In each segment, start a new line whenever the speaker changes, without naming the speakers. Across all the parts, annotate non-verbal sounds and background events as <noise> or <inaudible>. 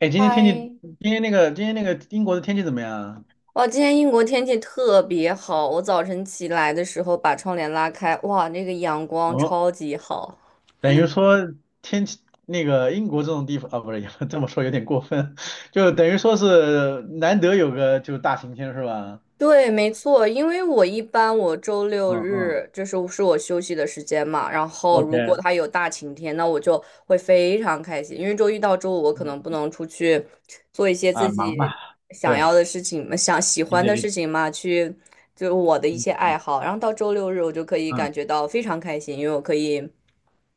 哎，今天天气，
嗨，
今天那个英国的天气怎么样啊？
哇！今天英国天气特别好，我早晨起来的时候把窗帘拉开，哇，那个阳光
哦，
超级好。
等于说天气，那个英国这种地方啊，不是，<laughs> 这么说有点过分，<laughs> 就等于说是难得有个就大晴天是吧？
对，没错，因为我一般周六
嗯嗯
日就是我休息的时间嘛，然后如
，OK。
果它有大晴天，那我就会非常开心，因为周一到周五我可能不
嗯
能出去做一些
啊，
自
忙
己
吧。
想
对，
要的事情嘛，想喜
理
欢
解
的
理
事
解。
情嘛，就我的一
嗯
些
嗯。
爱好，然后到周六日我就可以感
嗯
觉到非常开心，因为我可以。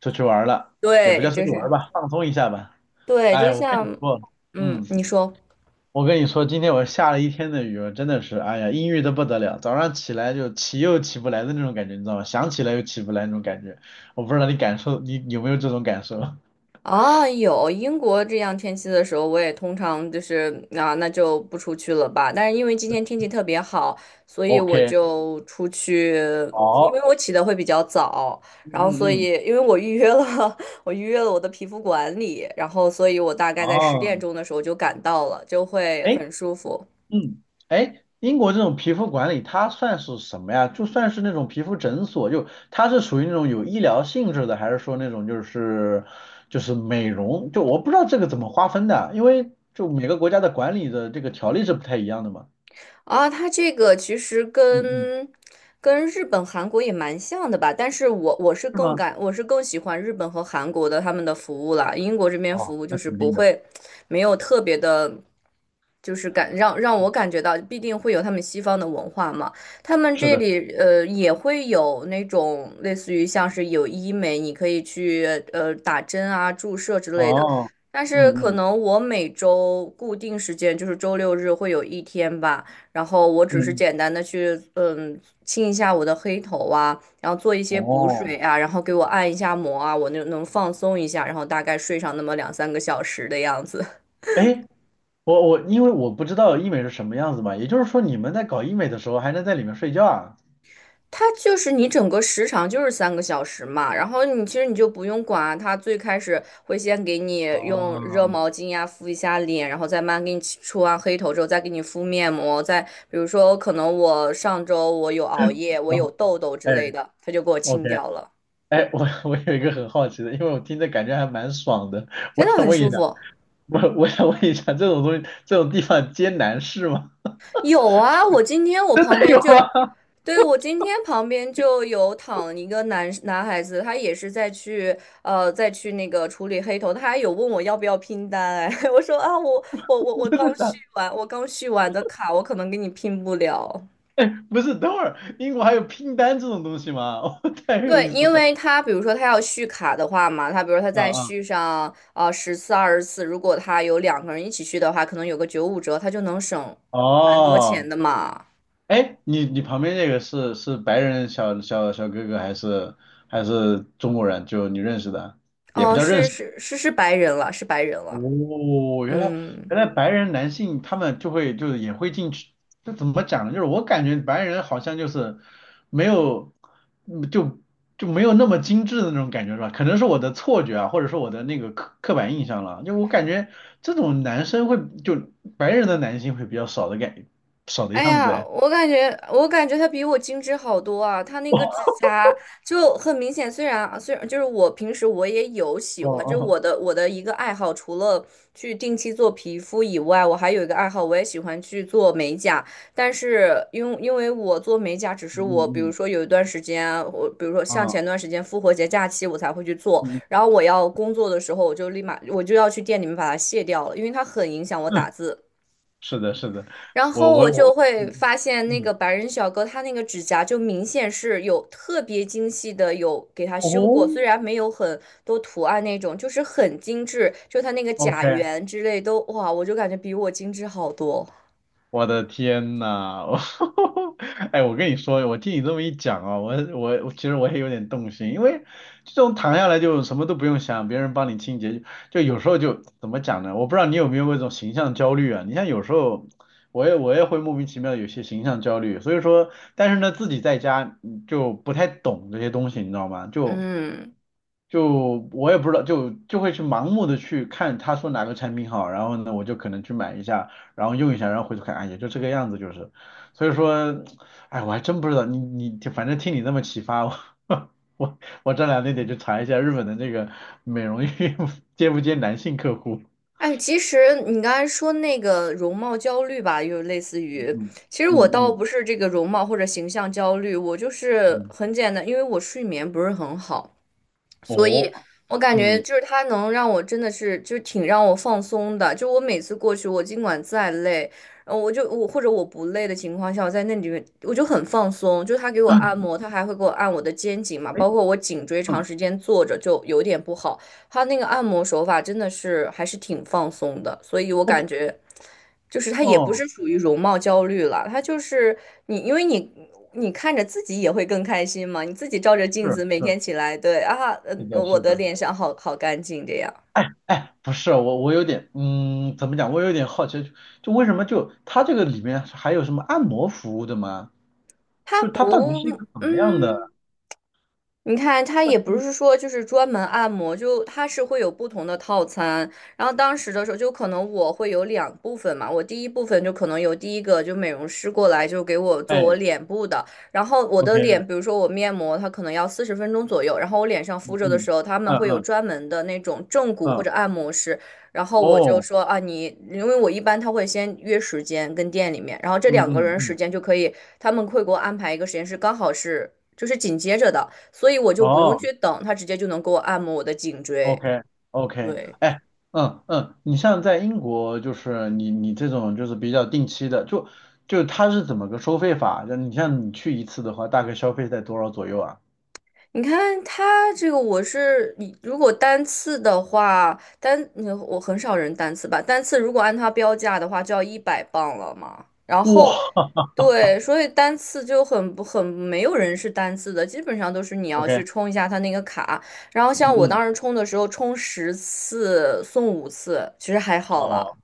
出去玩儿了，也不
对，
叫出
就
去玩
是
儿吧，放松一下吧。
对，就
哎，我跟你
像，
说。
嗯，
嗯。
你说
我跟你说，今天我下了一天的雨，我真的是，哎呀，阴郁的不得了。早上起来就起又起不来的那种感觉，你知道吗？想起来又起不来那种感觉。我不知道你感受，你有没有这种感受？ <laughs>
啊，有英国这样天气的时候，我也通常就是啊，那就不出去了吧。但是因为今天天气特别好，所以我
？OK。
就出去，因为
好。
我起的会比较早，
嗯
然后所
嗯嗯。
以因为我预约了，<laughs> 我预约了我的皮肤管理，然后所以我大概在十点
哦。
钟的时候就赶到了，就会
哎。
很舒服。
嗯。哎，英国这种皮肤管理它算是什么呀？就算是那种皮肤诊所，就它是属于那种有医疗性质的，还是说那种就是美容？就我不知道这个怎么划分的，因为就每个国家的管理的这个条例是不太一样的嘛。
啊，它这个其实
嗯嗯。
跟日本、韩国也蛮像的吧，但是我是
是
更
吗？
感我是更喜欢日本和韩国的他们的服务啦，英国这边
哦，
服务就
那
是
肯
不
定的。
会没有特别的，就是让我感觉到必定会有他们西方的文化嘛，他们
是
这
的。
里也会有那种类似于像是有医美，你可以去打针啊、注射之类的，
哦。
但是
嗯
可
嗯
能我每周固定时间就是周六日会有一天吧。然后我
嗯
只是
嗯。
简单的去清一下我的黑头啊，然后做一些补
哦。
水啊，然后给我按一下摩啊，我那能放松一下，然后大概睡上那么两三个小时的样子。<laughs>
哎，我因为我不知道医美是什么样子嘛，也就是说你们在搞医美的时候还能在里面睡觉啊？
它就是你整个时长就是三个小时嘛，然后你其实你就不用管啊，它最开始会先给你用热
哦。
毛巾呀、敷一下脸，然后再慢慢给你出完黑头之后，再给你敷面膜，再比如说可能我上周有熬夜，我
然
有
后
痘痘之
哎
类的，它就给我
，OK。
清掉了，
哎，我有一个很好奇的，因为我听着感觉还蛮爽的，我
真的
想
很
问一
舒
下，
服。
我想问一下，这种东西这种地方接男士吗？
有啊，我今天我旁
<laughs>
边
有
就，
啊。
对，我今天旁边就有躺一个男孩子，他也是在去那个处理黑头，他还有问我要不要拼单。哎，<laughs> 我说啊，我刚续完，我刚续完的卡，我可能给你拼不了。
<laughs> 不是，等会儿英国还有拼单这种东西吗？<laughs> 哦，太有
对，
意思
因
了。
为他比如说他要续卡的话嘛，他比如说他
啊
再
啊。
续上啊10次20次，如果他有两个人一起续的话，可能有个95折，他就能省蛮多钱
哦。
的嘛。
哎，你旁边那个是白人小哥哥还是中国人？就你认识的，也不
哦，
叫认
是
识。
是是是白人了，是白人了。
哦，原来
嗯，
白人男性他们就会就是也会进去。这怎么讲呢？就是我感觉白人好像就是没有，就没有那么精致的那种感觉是吧？可能是我的错觉啊，或者说我的那个刻板印象了。就我感觉这种男生会就白人的男性会比较少少的
哎
样子
呀，
哎。
我感觉她比我精致好多啊！她那个指
<laughs> 哦
甲就很明显，虽然就是我平时也有喜欢，就是
哦。
我的一个爱好，除了去定期做皮肤以外，我还有一个爱好，我也喜欢去做美甲。但是因为我做美甲，只是
嗯
我比
嗯
如
嗯。
说有一段时间，我比如说像
啊。
前段时间复活节假期我才会去做，
嗯。
然后我要工作的时候，我就立马要去店里面把它卸掉了，因为它很影响我打
<laughs>
字。
是的，是的。
然后我就
我，
会
嗯
发现那
嗯嗯。
个白人小哥他那个指甲就明显是有特别精细的有给他修过，
哦
虽然没有很多图案那种，就是很精致，就他那个
，OK。
甲缘之类都哇，我就感觉比我精致好多。
我的天呐。<laughs> 我哎，我跟你说，我听你这么一讲啊，我其实我也有点动心，因为这种躺下来就什么都不用想，别人帮你清洁，就有时候就怎么讲呢？我不知道你有没有过这种形象焦虑啊？你像有时候我也会莫名其妙地有些形象焦虑，所以说，但是呢，自己在家，就不太懂这些东西，你知道吗？就。
嗯，
就我也不知道，就会去盲目的去看他说哪个产品好，然后呢，我就可能去买一下，然后用一下，然后回头看，啊，也就这个样子，就是，所以说，哎，我还真不知道，你你反正听你这么启发，我 <laughs> 我这两天得去查一下日本的那个美容院 <laughs> 接不接男性客户。
哎，其实你刚才说那个容貌焦虑吧，又类似于，
嗯
其实我
嗯
倒
嗯
不是这个容貌或者形象焦虑，我就
嗯。
是
嗯。
很简单，因为我睡眠不是很好。所以
哦。
我感觉
嗯。
就是他能让我真的是就是挺让我放松的。就我每次过去，我尽管再累，我或者我不累的情况下，我在那里面我就很放松。就他给我按摩，他还会给我按我的肩颈嘛，
哎。
包括我颈椎长
嗯
时间坐着就有点不好。他那个按摩手法真的是还是挺放松的，所以我
，OK。
感觉。就是他也不
哦。
是属于容貌焦虑了，他就是你，因为你看着自己也会更开心嘛，你自己照着镜
是
子每
是。
天起来，对啊，
是的，
我
是
的
的。
脸上好好干净这样，
哎，不是我，我有点，嗯，怎么讲？我有点好奇，就为什么就它这个里面还有什么按摩服务的吗？
他
就它到底是一
不，
个怎么样
嗯。
的？
你看，他也不是说就是专门按摩，就他是会有不同的套餐。然后当时的时候，就可能我会有两部分嘛，我第一部分就可能有第一个就美容师过来就给我做我
哎
脸部的，然后我的脸，
，OK。
比如说我面膜，它可能要40分钟左右，然后我脸上敷
嗯
着的
嗯
时候，他们
嗯
会有
嗯
专门的那种正骨或
嗯。
者按摩师，然后我就
哦。
说啊，你因为我一般他会先约时间跟店里面，然后这
嗯
两个
嗯
人时
嗯。
间就可以，他们会给我安排一个时间是刚好是就是紧接着的。所以我就不用
哦
去等，他直接就能给我按摩我的颈椎。
，OK OK。
对，
哎。嗯嗯。你像在英国，就是你这种就是比较定期的，就它是怎么个收费法？就你像你去一次的话，大概消费在多少左右啊？
你看他这个，我是你如果单次的话，我很少人单次吧，单次如果按他标价的话，就要100磅了嘛。然后，
哇
对，所以单次就很不很没有人是单次的，基本上都是你要去
，OK。
充一下他那个卡。然后像我
嗯嗯。
当时充的时候，充10次送5次，其实还好啦。
哦，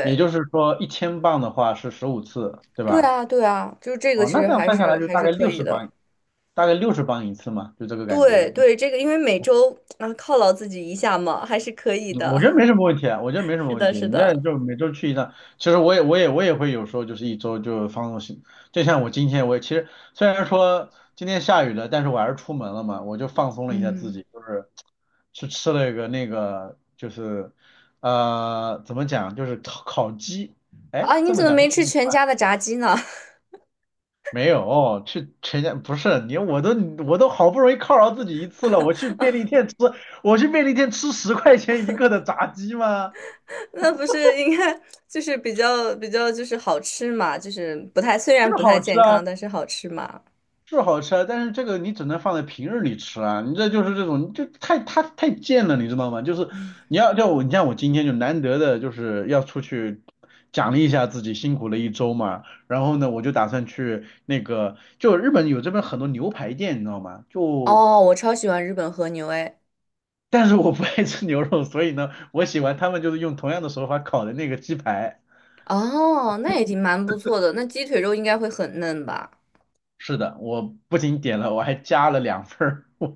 也就是说一千磅的话是十五次，对
对
吧？
啊，对啊，就是这个
哦，
其
那
实
这样
还
算下
是
来就
还
大
是
概
可
六
以
十
的。
磅，大概六十磅一次嘛，就这个感觉。
对
嗯，
对，这个因为每周啊犒劳自己一下嘛，还是可以
我觉
的。
得没什么问题啊，我觉得没
<laughs>
什么
是
问
的，
题。
是
你这
的。
就每周去一趟，其实我也会有时候就是一周就放纵行，就像我今天我也其实虽然说今天下雨了，但是我还是出门了嘛，我就放松了一下自
嗯，
己，就是去吃了一个那个就是怎么讲就是烤鸡，哎
啊，你
这么
怎么
讲。
没吃全家的炸鸡呢？
没有，哦，去全家不是你，我都好不容易犒劳自己一次了，我去便利店吃，我去便利店吃十块钱一个的炸鸡吗？
<laughs> 那不是应该就是比较就是好吃嘛，就是不太虽
是
然不太
好吃
健
啊，
康，但是好吃嘛。
是好吃啊，但是这个你只能放在平日里吃啊，你这就是这种，你就太太太贱了，你知道吗？就是你要叫我，你像我今天就难得的就是要出去奖励一下自己辛苦了一周嘛，然后呢，我就打算去那个，就日本有这边很多牛排店，你知道吗？就。
哦，我超喜欢日本和牛诶。
但是我不爱吃牛肉，所以呢，我喜欢他们就是用同样的手法烤的那个鸡排。
哦，那也挺蛮不错的。那鸡腿肉应该会很嫩吧？
是的，我不仅点了，我还加了两份儿。<laughs>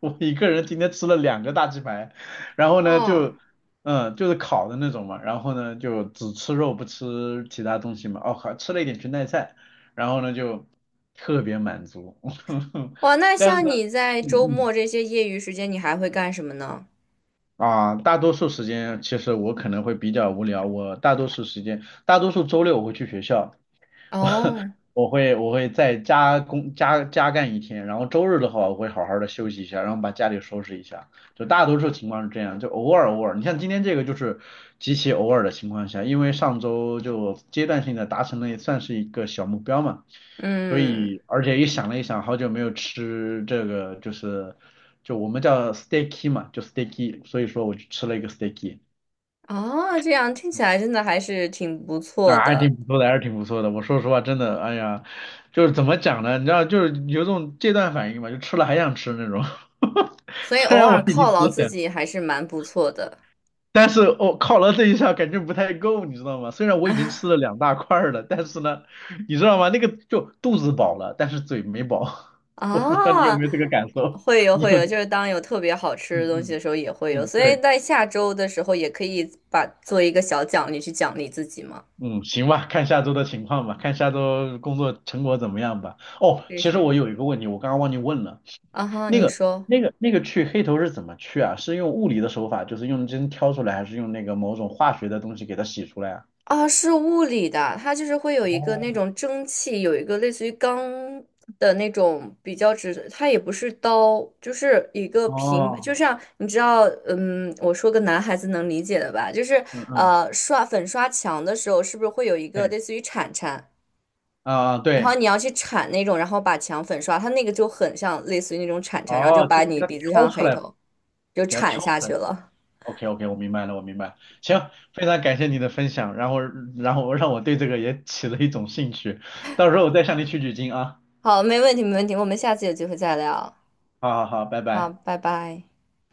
我一个人今天吃了两个大鸡排，然后呢
哇
就，嗯，就是烤的那种嘛，然后呢就只吃肉不吃其他东西嘛。哦，还吃了一点裙带菜，然后呢就特别满足。<laughs>
哇，那
但是
像
呢，
你在
嗯
周
嗯。
末这些业余时间，你还会干什么呢？
啊，大多数时间其实我可能会比较无聊。我大多数时间，大多数周六我会去学校。<laughs>
哦，
我会再加工加干一天，然后周日的话，我会好好的休息一下，然后把家里收拾一下。就大多数情况是这样，就偶尔偶尔。你像今天这个就是极其偶尔的情况下，因为上周就阶段性的达成了，也算是一个小目标嘛。所
嗯。
以而且也想了一想，好久没有吃这个就是就我们叫 steaky 嘛，就 steaky，所以说我就吃了一个 steaky。
啊，这样听起来真的还是挺不错
啊，还
的，
挺不错的，还是挺不错的。我说实话，真的，哎呀，就是怎么讲呢？你知道，就是有种戒断反应嘛，就吃了还想吃那种。<laughs>
所以
虽
偶
然
尔
我已经
犒
吃
劳自
了，
己还是蛮不错的。
但是我、犒劳这一下感觉不太够，你知道吗？虽然我已经吃了
<laughs>
两大块儿了，但是呢，你知道吗？那个就肚子饱了，但是嘴没饱。<laughs> 我不知道你有
啊，
没有这个感受，
会有
你
会
有？
有，就是当有特别好
嗯
吃的东西的
嗯
时候也会有，
嗯，
所以
对。
在下周的时候也可以把做一个小奖励去奖励自己嘛。
嗯，行吧，看下周的情况吧，看下周工作成果怎么样吧。哦，
是
其实
是。
我有一个问题，我刚刚忘记问了。
啊哈，
那
你
个
说。
那个去黑头是怎么去啊？是用物理的手法，就是用针挑出来，还是用那个某种化学的东西给它洗出来啊？
啊，是物理的，它就是会有一个那
哦
种蒸汽，有一个类似于钢的那种比较直，它也不是刀，就是一个平，就
哦。
像你知道，嗯，我说个男孩子能理解的吧，就是
嗯嗯。
刷粉刷墙的时候，是不是会有一个
对
类似于铲铲，
啊
然后
对。
你要去铲那种，然后把墙粉刷，它那个就很像类似于那种铲铲，然后就
哦，就
把
给
你
它
鼻子上
挑
的
出
黑
来，
头就
给它
铲
挑
下
出
去
来。
了。
OK OK，我明白了，我明白了。行，非常感谢你的分享，然后让我对这个也起了一种兴趣，到时候我再向你取取经啊。
好，没问题，没问题，我们下次有机会再聊。
好好好，拜
好，
拜。
拜拜。